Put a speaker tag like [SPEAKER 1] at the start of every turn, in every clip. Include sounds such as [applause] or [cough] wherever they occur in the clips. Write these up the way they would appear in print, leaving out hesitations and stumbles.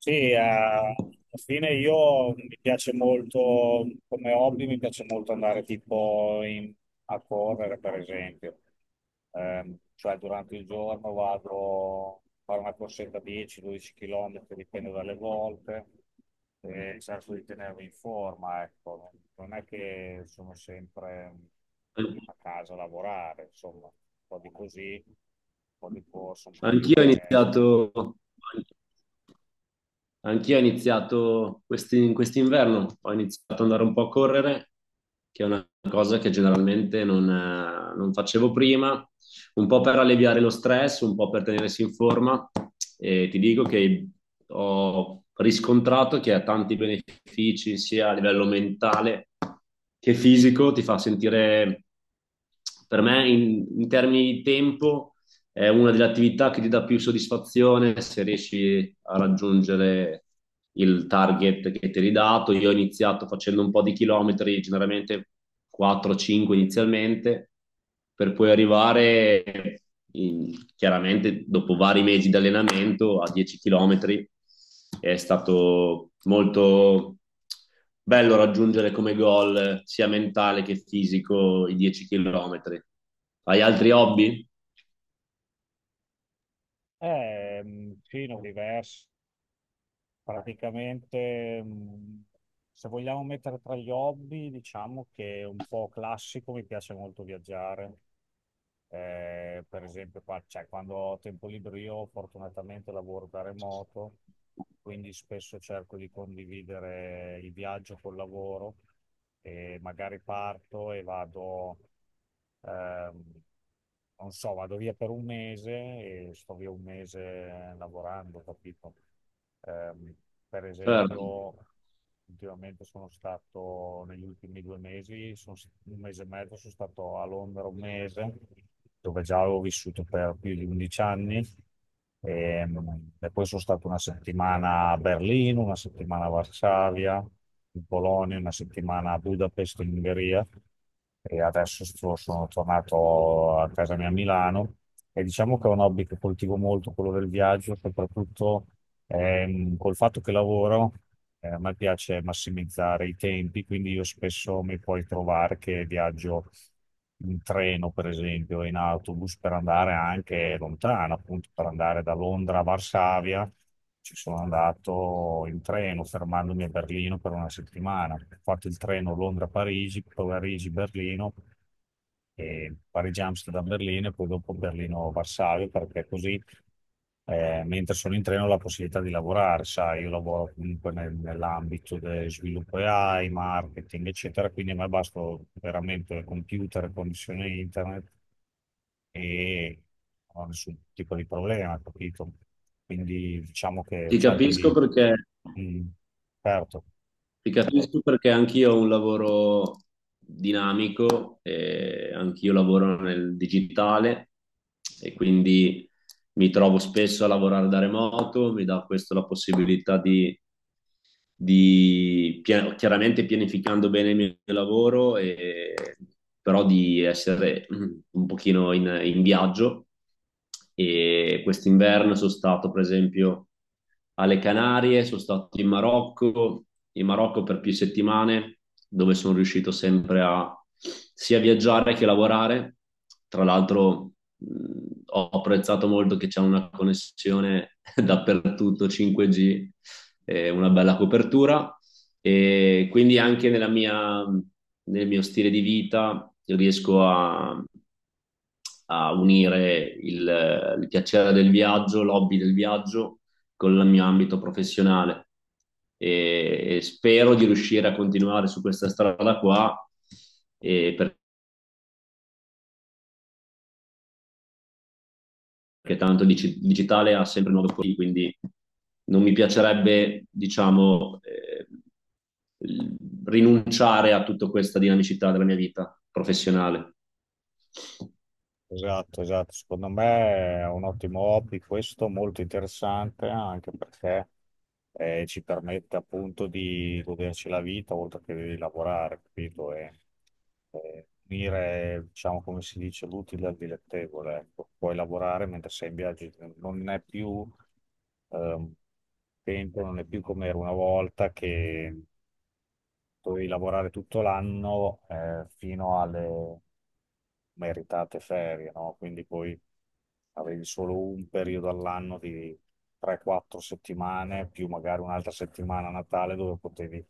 [SPEAKER 1] Sì, alla fine io mi piace molto, come hobby, mi piace molto andare a correre, per esempio. Cioè durante il giorno vado a fare una corsetta 10-12 km, dipende dalle volte, e cerco di tenermi in forma, ecco. Non è che sono sempre a casa a lavorare, insomma, un po' di così, un po' di corso, un po' di
[SPEAKER 2] Anch'io ho
[SPEAKER 1] palestra.
[SPEAKER 2] iniziato, anch'io ho iniziato quest'inverno, ho iniziato ad andare un po' a correre, che è una cosa che generalmente non facevo prima, un po' per alleviare lo stress, un po' per tenersi in forma. E ti dico che ho riscontrato che ha tanti benefici sia a livello mentale che fisico, ti fa sentire, per me in termini di tempo è una delle attività che ti dà più soddisfazione se riesci a raggiungere il target che ti eri dato. Io ho iniziato facendo un po' di chilometri, generalmente 4-5 inizialmente, per poi arrivare chiaramente dopo vari mesi di allenamento a 10 chilometri. È stato molto bello raggiungere come goal sia mentale che fisico i 10 chilometri. Hai altri hobby?
[SPEAKER 1] Eh, sì, no, diverse. Praticamente, se vogliamo mettere tra gli hobby, diciamo che è un po' classico, mi piace molto viaggiare. Per esempio, cioè, quando ho tempo libero, io fortunatamente lavoro da remoto, quindi spesso cerco di condividere il viaggio col lavoro e magari parto e vado. ehm, Non so, vado via per un mese e sto via un mese lavorando, capito? Ehm, per
[SPEAKER 2] Certo,
[SPEAKER 1] esempio, ultimamente sono stato, negli ultimi due mesi, un mese e mezzo sono stato a Londra un mese, dove già avevo vissuto per più di 11 anni. E, e poi sono stato una settimana a Berlino, una settimana a Varsavia, in Polonia, una settimana a Budapest, in Ungheria. E sono tornato a casa mia a Milano. E diciamo che è un hobby che coltivo molto, quello del viaggio, soprattutto col fatto che lavoro. A me piace massimizzare i tempi, quindi io spesso mi puoi trovare che viaggio in treno, per esempio, e in autobus per andare anche lontano, appunto per andare da Londra a Varsavia. Ci sono andato in treno, fermandomi a Berlino per una settimana. Ho fatto il treno Londra-Parigi, poi Parigi-Berlino, e Parigi-Amsterdam-Berlino e poi dopo Berlino-Varsavia, perché così mentre sono in treno ho la possibilità di lavorare, sai, io lavoro comunque nell'ambito del sviluppo AI, marketing, eccetera, quindi a me basta veramente il computer, connessione internet e non ho nessun tipo di problema, capito? Quindi diciamo che
[SPEAKER 2] ti
[SPEAKER 1] cerco
[SPEAKER 2] capisco
[SPEAKER 1] di...
[SPEAKER 2] perché,
[SPEAKER 1] Mm, certo.
[SPEAKER 2] ti capisco perché anch'io ho un lavoro dinamico, e anch'io lavoro nel digitale e quindi mi trovo spesso a lavorare da remoto. Mi dà questo la possibilità di chiaramente pianificando bene il mio lavoro, e, però di essere un pochino in viaggio. E quest'inverno sono stato, per esempio, alle Canarie, sono stato in Marocco per più settimane, dove sono riuscito sempre a sia viaggiare che lavorare. Tra l'altro ho apprezzato molto che c'è una connessione [laughs] dappertutto 5G, una bella copertura, e quindi anche nel mio stile di vita riesco a unire il piacere del viaggio, l'hobby del viaggio con il mio ambito professionale, e spero di riuscire a continuare su questa strada qua, e perché tanto il digitale ha sempre nuove opportunità, quindi non mi piacerebbe, diciamo, rinunciare a tutta questa dinamicità della mia vita professionale.
[SPEAKER 1] Esatto, esatto. Secondo me è un ottimo hobby questo, molto interessante anche perché ci permette appunto di goderci la vita oltre che di lavorare, capito? E unire, diciamo, come si dice, l'utile al dilettevole, ecco. Puoi lavorare mentre sei in viaggio, non è più ehm, tempo, non è più come era una volta che dovevi lavorare tutto l'anno fino alle meritate ferie, no? Quindi poi avevi solo un periodo all'anno di 3-4 settimane, più magari un'altra settimana a Natale dove potevi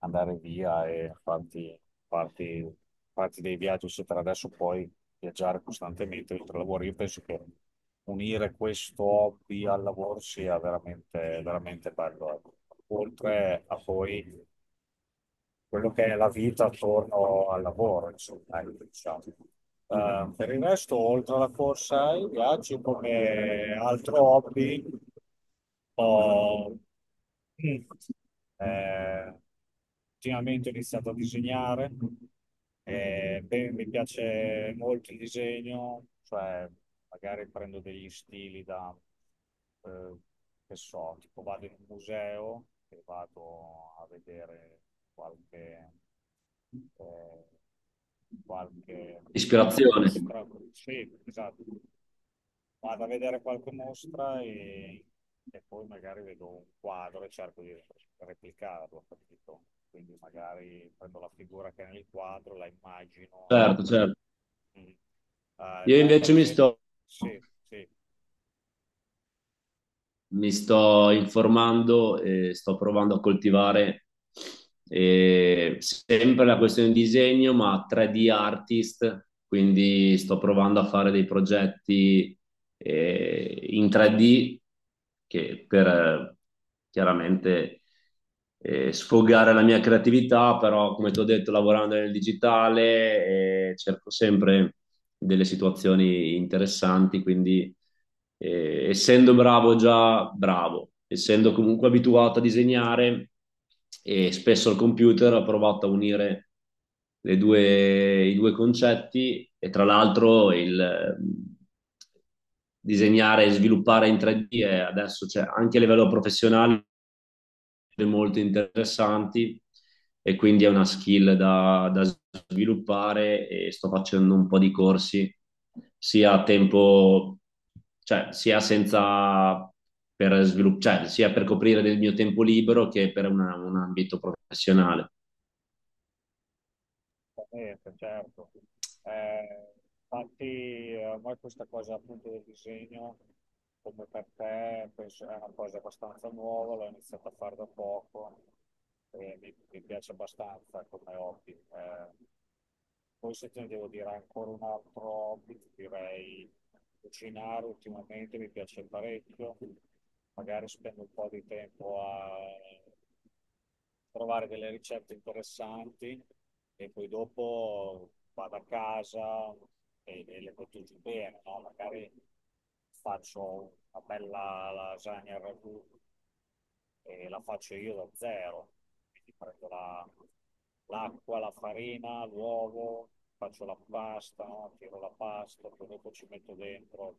[SPEAKER 1] andare via e farti- farti dei viaggi, eccetera. Adesso puoi viaggiare costantemente oltre al lavoro. Io penso che unire questo hobby al lavoro sia veramente, veramente bello. Ecco. Oltre a poi quello che è la vita attorno al lavoro, insomma, ecco, diciamo. Per il resto, oltre alla corsa, i viaggi come altro hobby, ho eh, ultimamente ho iniziato a disegnare, e, beh, mi piace molto il disegno, cioè magari prendo degli stili da eh, che so, tipo vado in un museo e vado a vedere qualche, eh, qualche
[SPEAKER 2] Ispirazione,
[SPEAKER 1] mostra, sì, esatto, vado a vedere qualche mostra e poi magari vedo un quadro e cerco di replicarlo, capito? Quindi magari prendo la figura che è nel quadro, la immagino.
[SPEAKER 2] certo, certo.
[SPEAKER 1] E... Mm.
[SPEAKER 2] Io
[SPEAKER 1] Te per
[SPEAKER 2] invece mi
[SPEAKER 1] esempio,
[SPEAKER 2] sto
[SPEAKER 1] sì, sì.
[SPEAKER 2] mi sto informando e sto provando a coltivare sempre la questione di disegno, ma 3D artist, quindi sto provando a fare dei progetti in 3D che per chiaramente sfogare la mia creatività, però come ti ho detto, lavorando nel digitale, cerco sempre delle situazioni interessanti, quindi essendo bravo già bravo, essendo comunque abituato a disegnare e spesso al computer ho provato a unire i due concetti. E tra l'altro il disegnare e sviluppare in 3D adesso c'è anche a livello professionale molto interessanti, e quindi è una skill da sviluppare, e sto facendo un po' di corsi sia a tempo, cioè sia senza, cioè, sia per coprire del mio tempo libero che per un ambito professionale.
[SPEAKER 1] Esattamente, certo. Eh, infatti a me questa cosa appunto del disegno, come per te, penso è una cosa abbastanza nuova, l'ho iniziata a fare da poco e mi piace abbastanza come hobby. Poi se te ne devo dire ancora un altro hobby, ti direi cucinare ultimamente mi piace parecchio, magari spendo un po' di tempo a trovare delle ricette interessanti e poi dopo vado a casa e le cotizzo bene, no? Magari faccio una bella lasagna al ragù e la faccio io da zero, quindi prendo la, l'acqua, la farina, l'uovo, faccio la pasta, tiro la pasta, poi dopo ci metto dentro,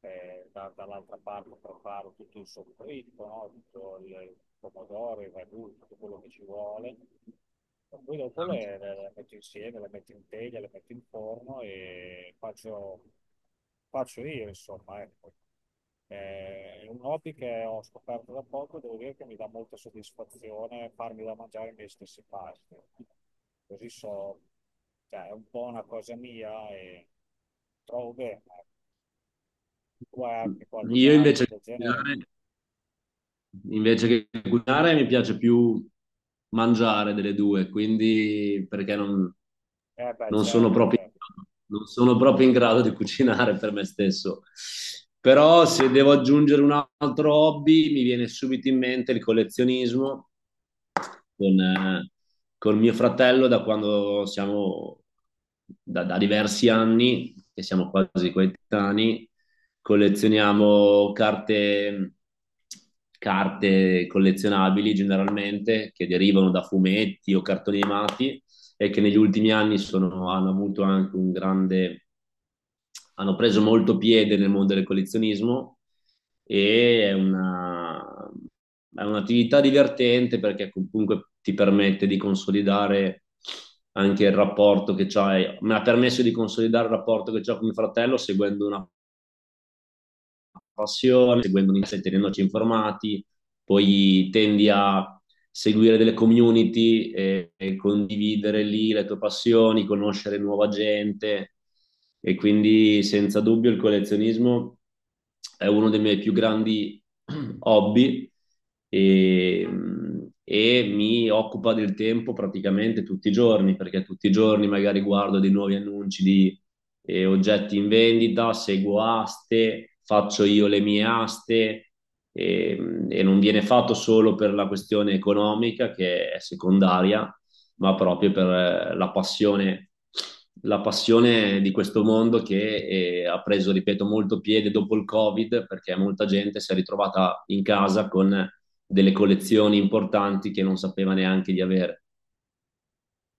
[SPEAKER 1] dall'altra parte preparo tutto il soffritto, no? Tutto il pomodoro, il ragù, tutto quello che ci vuole. E poi dopo le metto insieme, le metto in teglia, le metto in forno e faccio io, insomma, ecco. È un hobby che ho scoperto da poco, devo dire che mi dà molta soddisfazione farmi da mangiare i miei stessi pasti. Così so, cioè, è un po' una cosa mia e trovo bene. Tu hai anche
[SPEAKER 2] Io invece
[SPEAKER 1] qualcos'altro del genere?
[SPEAKER 2] Invece che cucinare mi piace più mangiare delle due, quindi perché
[SPEAKER 1] Eh beh,
[SPEAKER 2] non sono
[SPEAKER 1] certo,
[SPEAKER 2] proprio,
[SPEAKER 1] certo.
[SPEAKER 2] non sono proprio in grado di cucinare per me stesso. Però se devo aggiungere un altro hobby, mi viene subito in mente il collezionismo con, eh, con mio fratello da diversi anni, che siamo quasi coetanei. Collezioniamo carte collezionabili generalmente che derivano da fumetti o cartoni animati e che negli ultimi anni sono, hanno avuto anche un grande, hanno preso molto piede nel mondo del collezionismo. E È un'attività divertente perché comunque ti permette di consolidare anche il rapporto che c'hai, mi ha permesso di consolidare il rapporto che ho con mio fratello seguendo una passione, seguendo un'interesse e tenendoci informati. Poi tendi a seguire delle community e condividere lì le tue passioni, conoscere nuova gente, e quindi senza dubbio il collezionismo è uno dei miei più grandi [clears throat] hobby, e, e mi occupa del tempo praticamente tutti i giorni, perché tutti i giorni magari guardo dei nuovi annunci di oggetti in vendita, seguo aste, faccio io le mie aste, e non viene fatto solo per la questione economica che è secondaria, ma proprio per la passione di questo mondo, che ha preso, ripeto, molto piede dopo il Covid perché molta gente si è ritrovata in casa con delle collezioni importanti che non sapeva neanche di avere.